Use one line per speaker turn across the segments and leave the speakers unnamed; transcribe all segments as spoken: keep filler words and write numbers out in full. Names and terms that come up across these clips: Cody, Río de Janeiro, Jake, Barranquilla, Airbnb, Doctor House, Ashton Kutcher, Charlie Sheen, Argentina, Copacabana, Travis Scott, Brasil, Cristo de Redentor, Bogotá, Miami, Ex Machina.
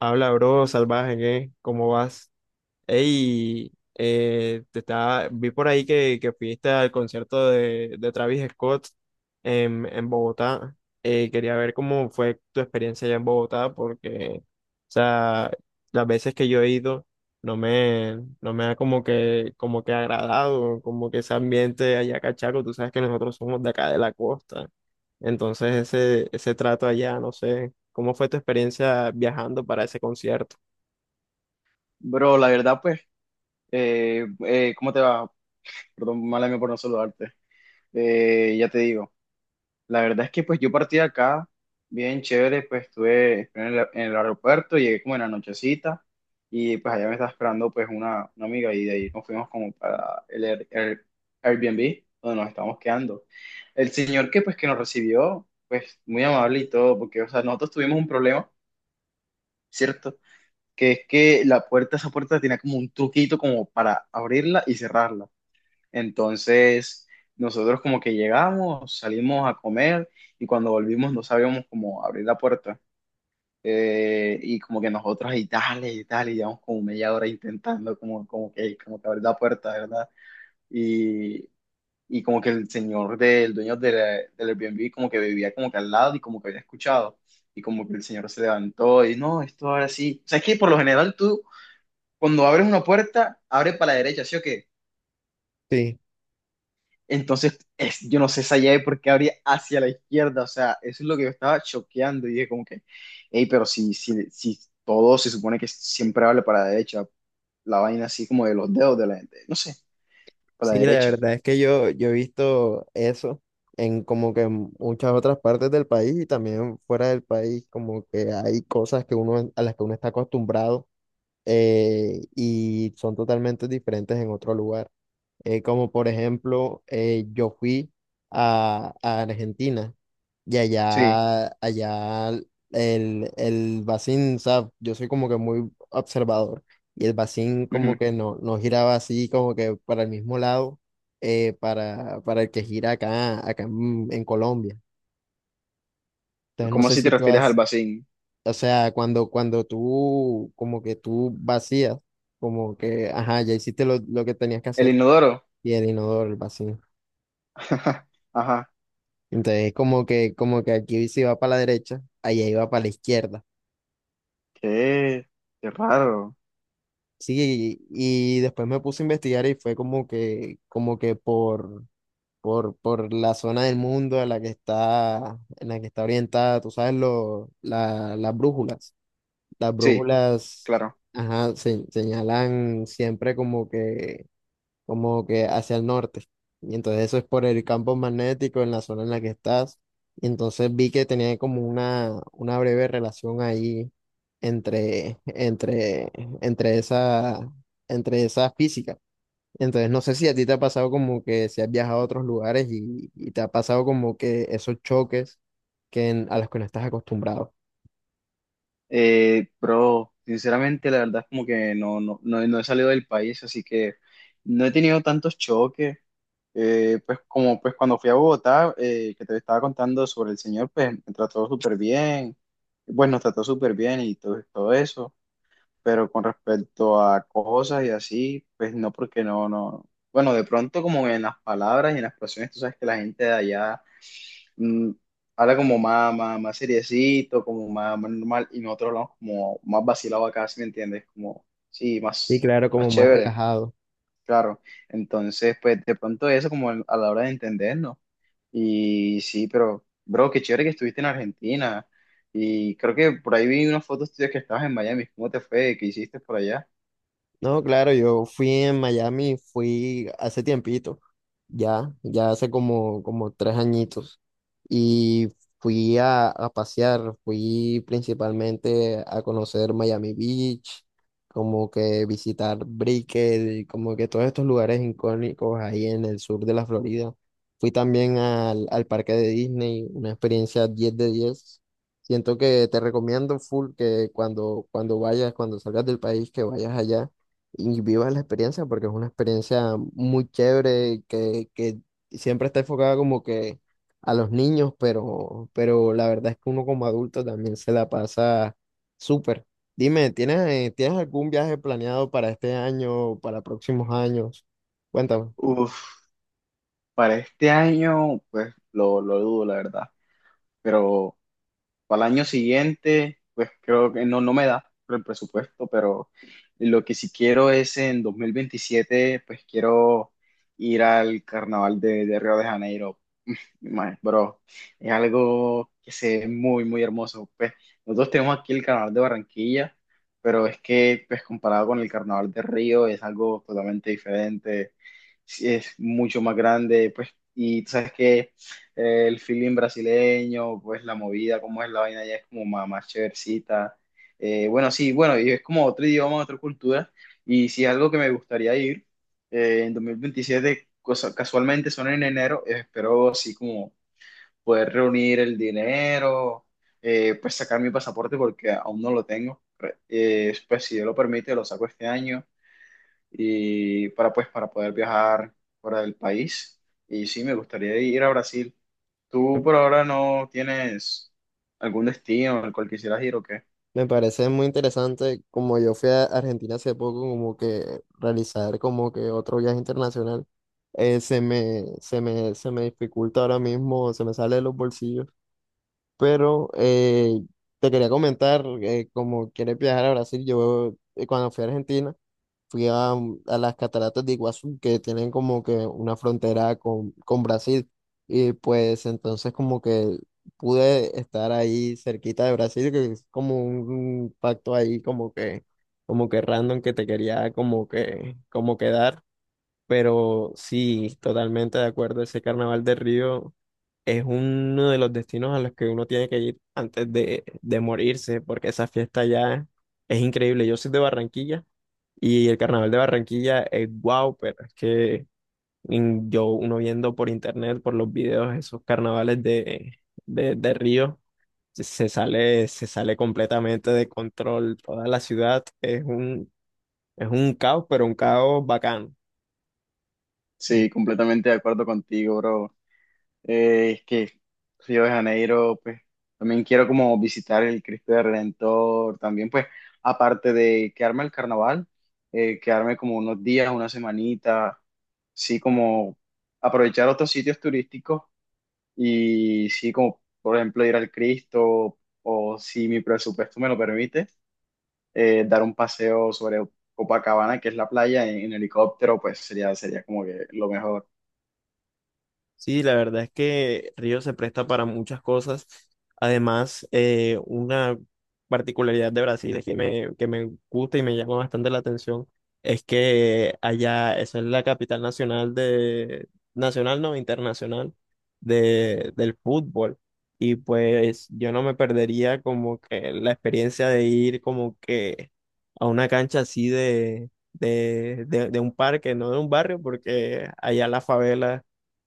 Habla, bro, salvaje, ¿qué? ¿Cómo vas? Ey, eh, te estaba, vi por ahí que, que fuiste al concierto de, de Travis Scott en, en Bogotá. Eh, quería ver cómo fue tu experiencia allá en Bogotá, porque, o sea, las veces que yo he ido no me, no me ha como que, como que agradado, como que ese ambiente allá cachaco. Tú sabes que nosotros somos de acá de la costa. Entonces ese, ese trato allá, no sé, ¿cómo fue tu experiencia viajando para ese concierto?
Bro, la verdad, pues, eh, eh, ¿cómo te va? Perdón, mala mía por no saludarte. Eh, ya te digo, la verdad es que pues yo partí de acá, bien chévere, pues estuve en el, en el aeropuerto, llegué como en la nochecita y pues allá me estaba esperando pues una, una amiga y de ahí nos fuimos como para el, Air- Air- Airbnb donde nos estábamos quedando. El señor que pues que nos recibió, pues muy amable y todo, porque o sea, nosotros tuvimos un problema, ¿cierto? Que es que la puerta, esa puerta tenía como un truquito como para abrirla y cerrarla. Entonces, nosotros como que llegamos, salimos a comer y cuando volvimos no sabíamos cómo abrir la puerta. Eh, y como que nosotros y dale y dale, y llevamos como media hora intentando como, como que, como que abrir la puerta, ¿verdad? Y, y como que el señor del dueño de la- del Airbnb como que vivía como que al lado y como que había escuchado. Y como que el señor se levantó y no, esto ahora sí. O sea, es que por lo general tú cuando abres una puerta, abre para la derecha, ¿sí o qué?
Sí,
Entonces, es, yo no sé esa llave por qué abría hacia la izquierda, o sea, eso es lo que yo estaba choqueando y dije como que, hey, pero si, si, si todo se supone que siempre abre para la derecha, la vaina así como de los dedos de la gente, no sé, para
sí,
la
la
derecha,
verdad es que yo, yo he visto eso en como que en muchas otras partes del país y también fuera del país, como que hay cosas que uno, a las que uno está acostumbrado eh, y son totalmente diferentes en otro lugar. Eh, como por ejemplo, eh, yo fui a, a Argentina. Y
sí.
allá, allá el, el Bacín, o sea, yo soy como que muy observador. Y el Bacín como
Ujú.
que no, no giraba así, como que para el mismo lado, eh, para, para el que gira acá, acá en, en Colombia.
Pero,
Entonces no
¿cómo
sé
así te
si tú
refieres al
has,
vacín?
o sea, cuando, cuando tú, como que tú vacías, como que, ajá, ya hiciste lo, lo que tenías que
¿El
hacer,
inodoro?
y el inodoro, el Bacín.
Ajá,
Entonces como que, como que aquí si va para la derecha, allá iba para la izquierda.
qué, qué raro.
Sí, y, y después me puse a investigar y fue como que, como que por, por, por la zona del mundo a la que está, en la que está orientada, tú sabes, lo, la- las brújulas. Las
Sí,
brújulas,
claro.
ajá, se- señalan siempre como que como que hacia el norte. Y entonces eso es por el campo magnético en la zona en la que estás. Y entonces vi que tenía como una, una breve relación ahí entre, entre, entre esa, entre esa física. Entonces no sé si a ti te ha pasado como que si has viajado a otros lugares y, y te ha pasado como que esos choques que en- a los que no estás acostumbrado.
Eh, bro, sinceramente, la verdad es como que no, no, no, no he salido del país, así que no he tenido tantos choques. Eh, pues como pues cuando fui a Bogotá, eh, que te estaba contando sobre el señor, pues me trató súper bien, bueno nos trató súper bien y todo, todo eso, pero con respecto a cosas y así, pues no, porque no, no, bueno, de pronto como en las palabras y en las expresiones, tú sabes que la gente de allá mm, habla como más, más, más seriecito, como más, más normal, y nosotros hablamos como más vacilado acá, ¿si me entiendes? Como, sí,
Sí,
más,
claro,
más
como más
chévere,
relajado.
claro. Entonces, pues de pronto eso como al- a la hora de entendernos. Y sí, pero, bro, qué chévere que estuviste en Argentina. Y creo que por ahí vi unas fotos tuyas que estabas en Miami. ¿Cómo te fue? ¿Qué hiciste por allá?
No, claro, yo fui en Miami, fui hace tiempito. ya, ya hace como, como tres añitos. Y fui a, a pasear, fui principalmente a conocer Miami Beach, como que visitar Brickell, y como que todos estos lugares icónicos ahí en el sur de la Florida. Fui también al, al parque de Disney, una experiencia diez de diez. Siento que te recomiendo full que cuando, cuando vayas, cuando salgas del país, que vayas allá y vivas la experiencia porque es una experiencia muy chévere que, que siempre está enfocada como que a los niños, pero, pero la verdad es que uno como adulto también se la pasa súper. Dime, ¿tienes, eh, ¿tienes algún viaje planeado para este año para próximos años? Cuéntame.
Uf, para este año, pues lo, lo dudo, la verdad. Pero para el año siguiente, pues creo que no, no me da por el presupuesto, pero lo que sí quiero es en dos mil veintisiete, pues quiero ir al carnaval de, de Río de Janeiro. Mae, bro, es algo que se ve muy, muy hermoso. Pues nosotros tenemos aquí el carnaval de Barranquilla, pero es que, pues comparado con el carnaval de Río, es algo totalmente diferente. Sí, es mucho más grande, pues, y tú sabes que eh, el feeling brasileño, pues la movida, cómo es la vaina, ya es como más, más chéversita. Eh, bueno, sí, bueno, y es como otro idioma, otra cultura, y sí es algo que me gustaría ir eh, en dos mil veintisiete, cosa- casualmente son en enero, eh, espero así como poder reunir el dinero, eh, pues sacar mi pasaporte porque aún no lo tengo. Re- eh, pues si Dios lo permite, lo saco este año y para pues para poder viajar fuera del país. Y sí, me gustaría ir a Brasil. ¿Tú por ahora no tienes algún destino al cual quisieras ir o qué?
Me parece muy interesante, como yo fui a Argentina hace poco, como que realizar como que otro viaje internacional, eh, se me, se me, se me dificulta ahora mismo, se me sale de los bolsillos. Pero eh, te quería comentar, eh, como quieres viajar a Brasil, yo eh, cuando fui a Argentina, fui a, mm, a las cataratas de Iguazú, que tienen como que una frontera con, con Brasil. Y pues entonces como que pude estar ahí cerquita de Brasil, que es como un pacto ahí como que, como que random que te quería como que, como quedar. Pero sí, totalmente de acuerdo. Ese Carnaval de Río es uno de los destinos a los que uno tiene que ir antes de, de morirse, porque esa fiesta ya es increíble. Yo soy de Barranquilla y el Carnaval de Barranquilla es guau, pero es que mm, yo, uno viendo por internet, por los videos, esos carnavales de, de, de Río, se sale, se sale completamente de control. Toda la ciudad es un, es un caos, pero un caos bacano.
Sí, completamente de acuerdo contigo, bro. Eh, es que Río de Janeiro, pues también quiero como visitar el Cristo de Redentor, también pues aparte de quedarme al carnaval, eh, quedarme como unos días, una semanita, sí como aprovechar otros sitios turísticos y sí como por ejemplo ir al Cristo o si mi presupuesto me lo permite, eh, dar un paseo sobre Copacabana, que es la playa, en, en helicóptero, pues sería, sería como que lo mejor.
Sí, la verdad es que Río se presta para muchas cosas. Además, eh, una particularidad de Brasil es que me, que me gusta y me llama bastante la atención es que allá, esa es la capital nacional de, nacional no, internacional de, del fútbol. Y pues yo no me perdería como que la experiencia de ir como que a una cancha así de, de, de, de un parque, no de un barrio, porque allá la favela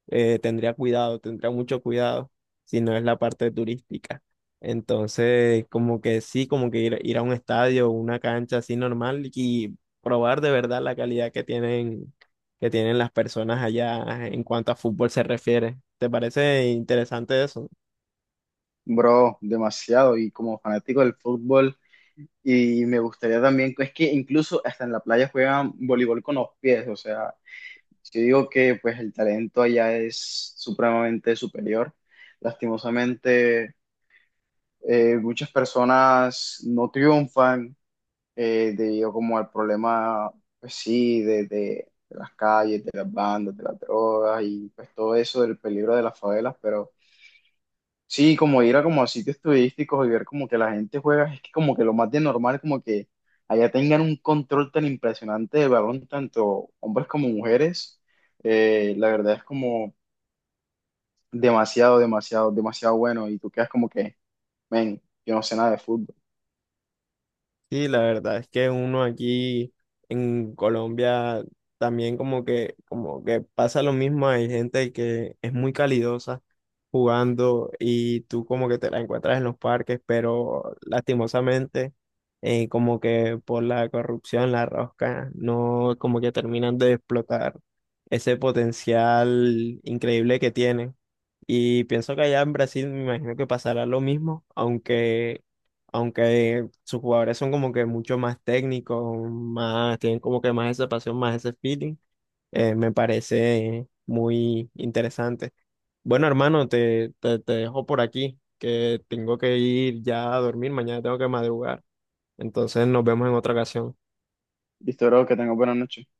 eh, tendría cuidado, tendría mucho cuidado si no es la parte turística. Entonces, como que sí, como que ir, ir a un estadio, una cancha así normal y probar de verdad la calidad que tienen, que tienen las personas allá en cuanto a fútbol se refiere. ¿Te parece interesante eso?
Bro, demasiado. Y como fanático del fútbol. Y me gustaría también, es que incluso hasta en la playa juegan voleibol con los pies, o sea, yo digo que pues el talento allá es supremamente superior. Lastimosamente, eh, muchas personas no triunfan eh, debido como al problema, pues sí, de, de- de las calles, de las bandas, de las drogas y pues todo eso del peligro de las favelas, pero sí, como ir a como a sitios turísticos y ver como que la gente juega, es que como que lo más de normal, como que allá tengan un control tan impresionante del balón, tanto hombres como mujeres, eh, la verdad es como demasiado, demasiado, demasiado bueno y tú quedas como que, men, yo no sé nada de fútbol.
Sí, la verdad es que uno aquí en Colombia también como que, como que pasa lo mismo, hay gente que es muy calidosa jugando y tú como que te la encuentras en los parques, pero lastimosamente eh, como que por la corrupción, la rosca, no como que terminan de explotar ese potencial increíble que tienen. Y pienso que allá en Brasil me imagino que pasará lo mismo, aunque aunque sus jugadores son como que mucho más técnicos, más, tienen como que más esa pasión, más ese feeling, eh, me parece muy interesante. Bueno, hermano, te, te, te dejo por aquí, que tengo que ir ya a dormir, mañana tengo que madrugar, entonces nos vemos en otra ocasión.
Listo, bro, que tengas buena noche.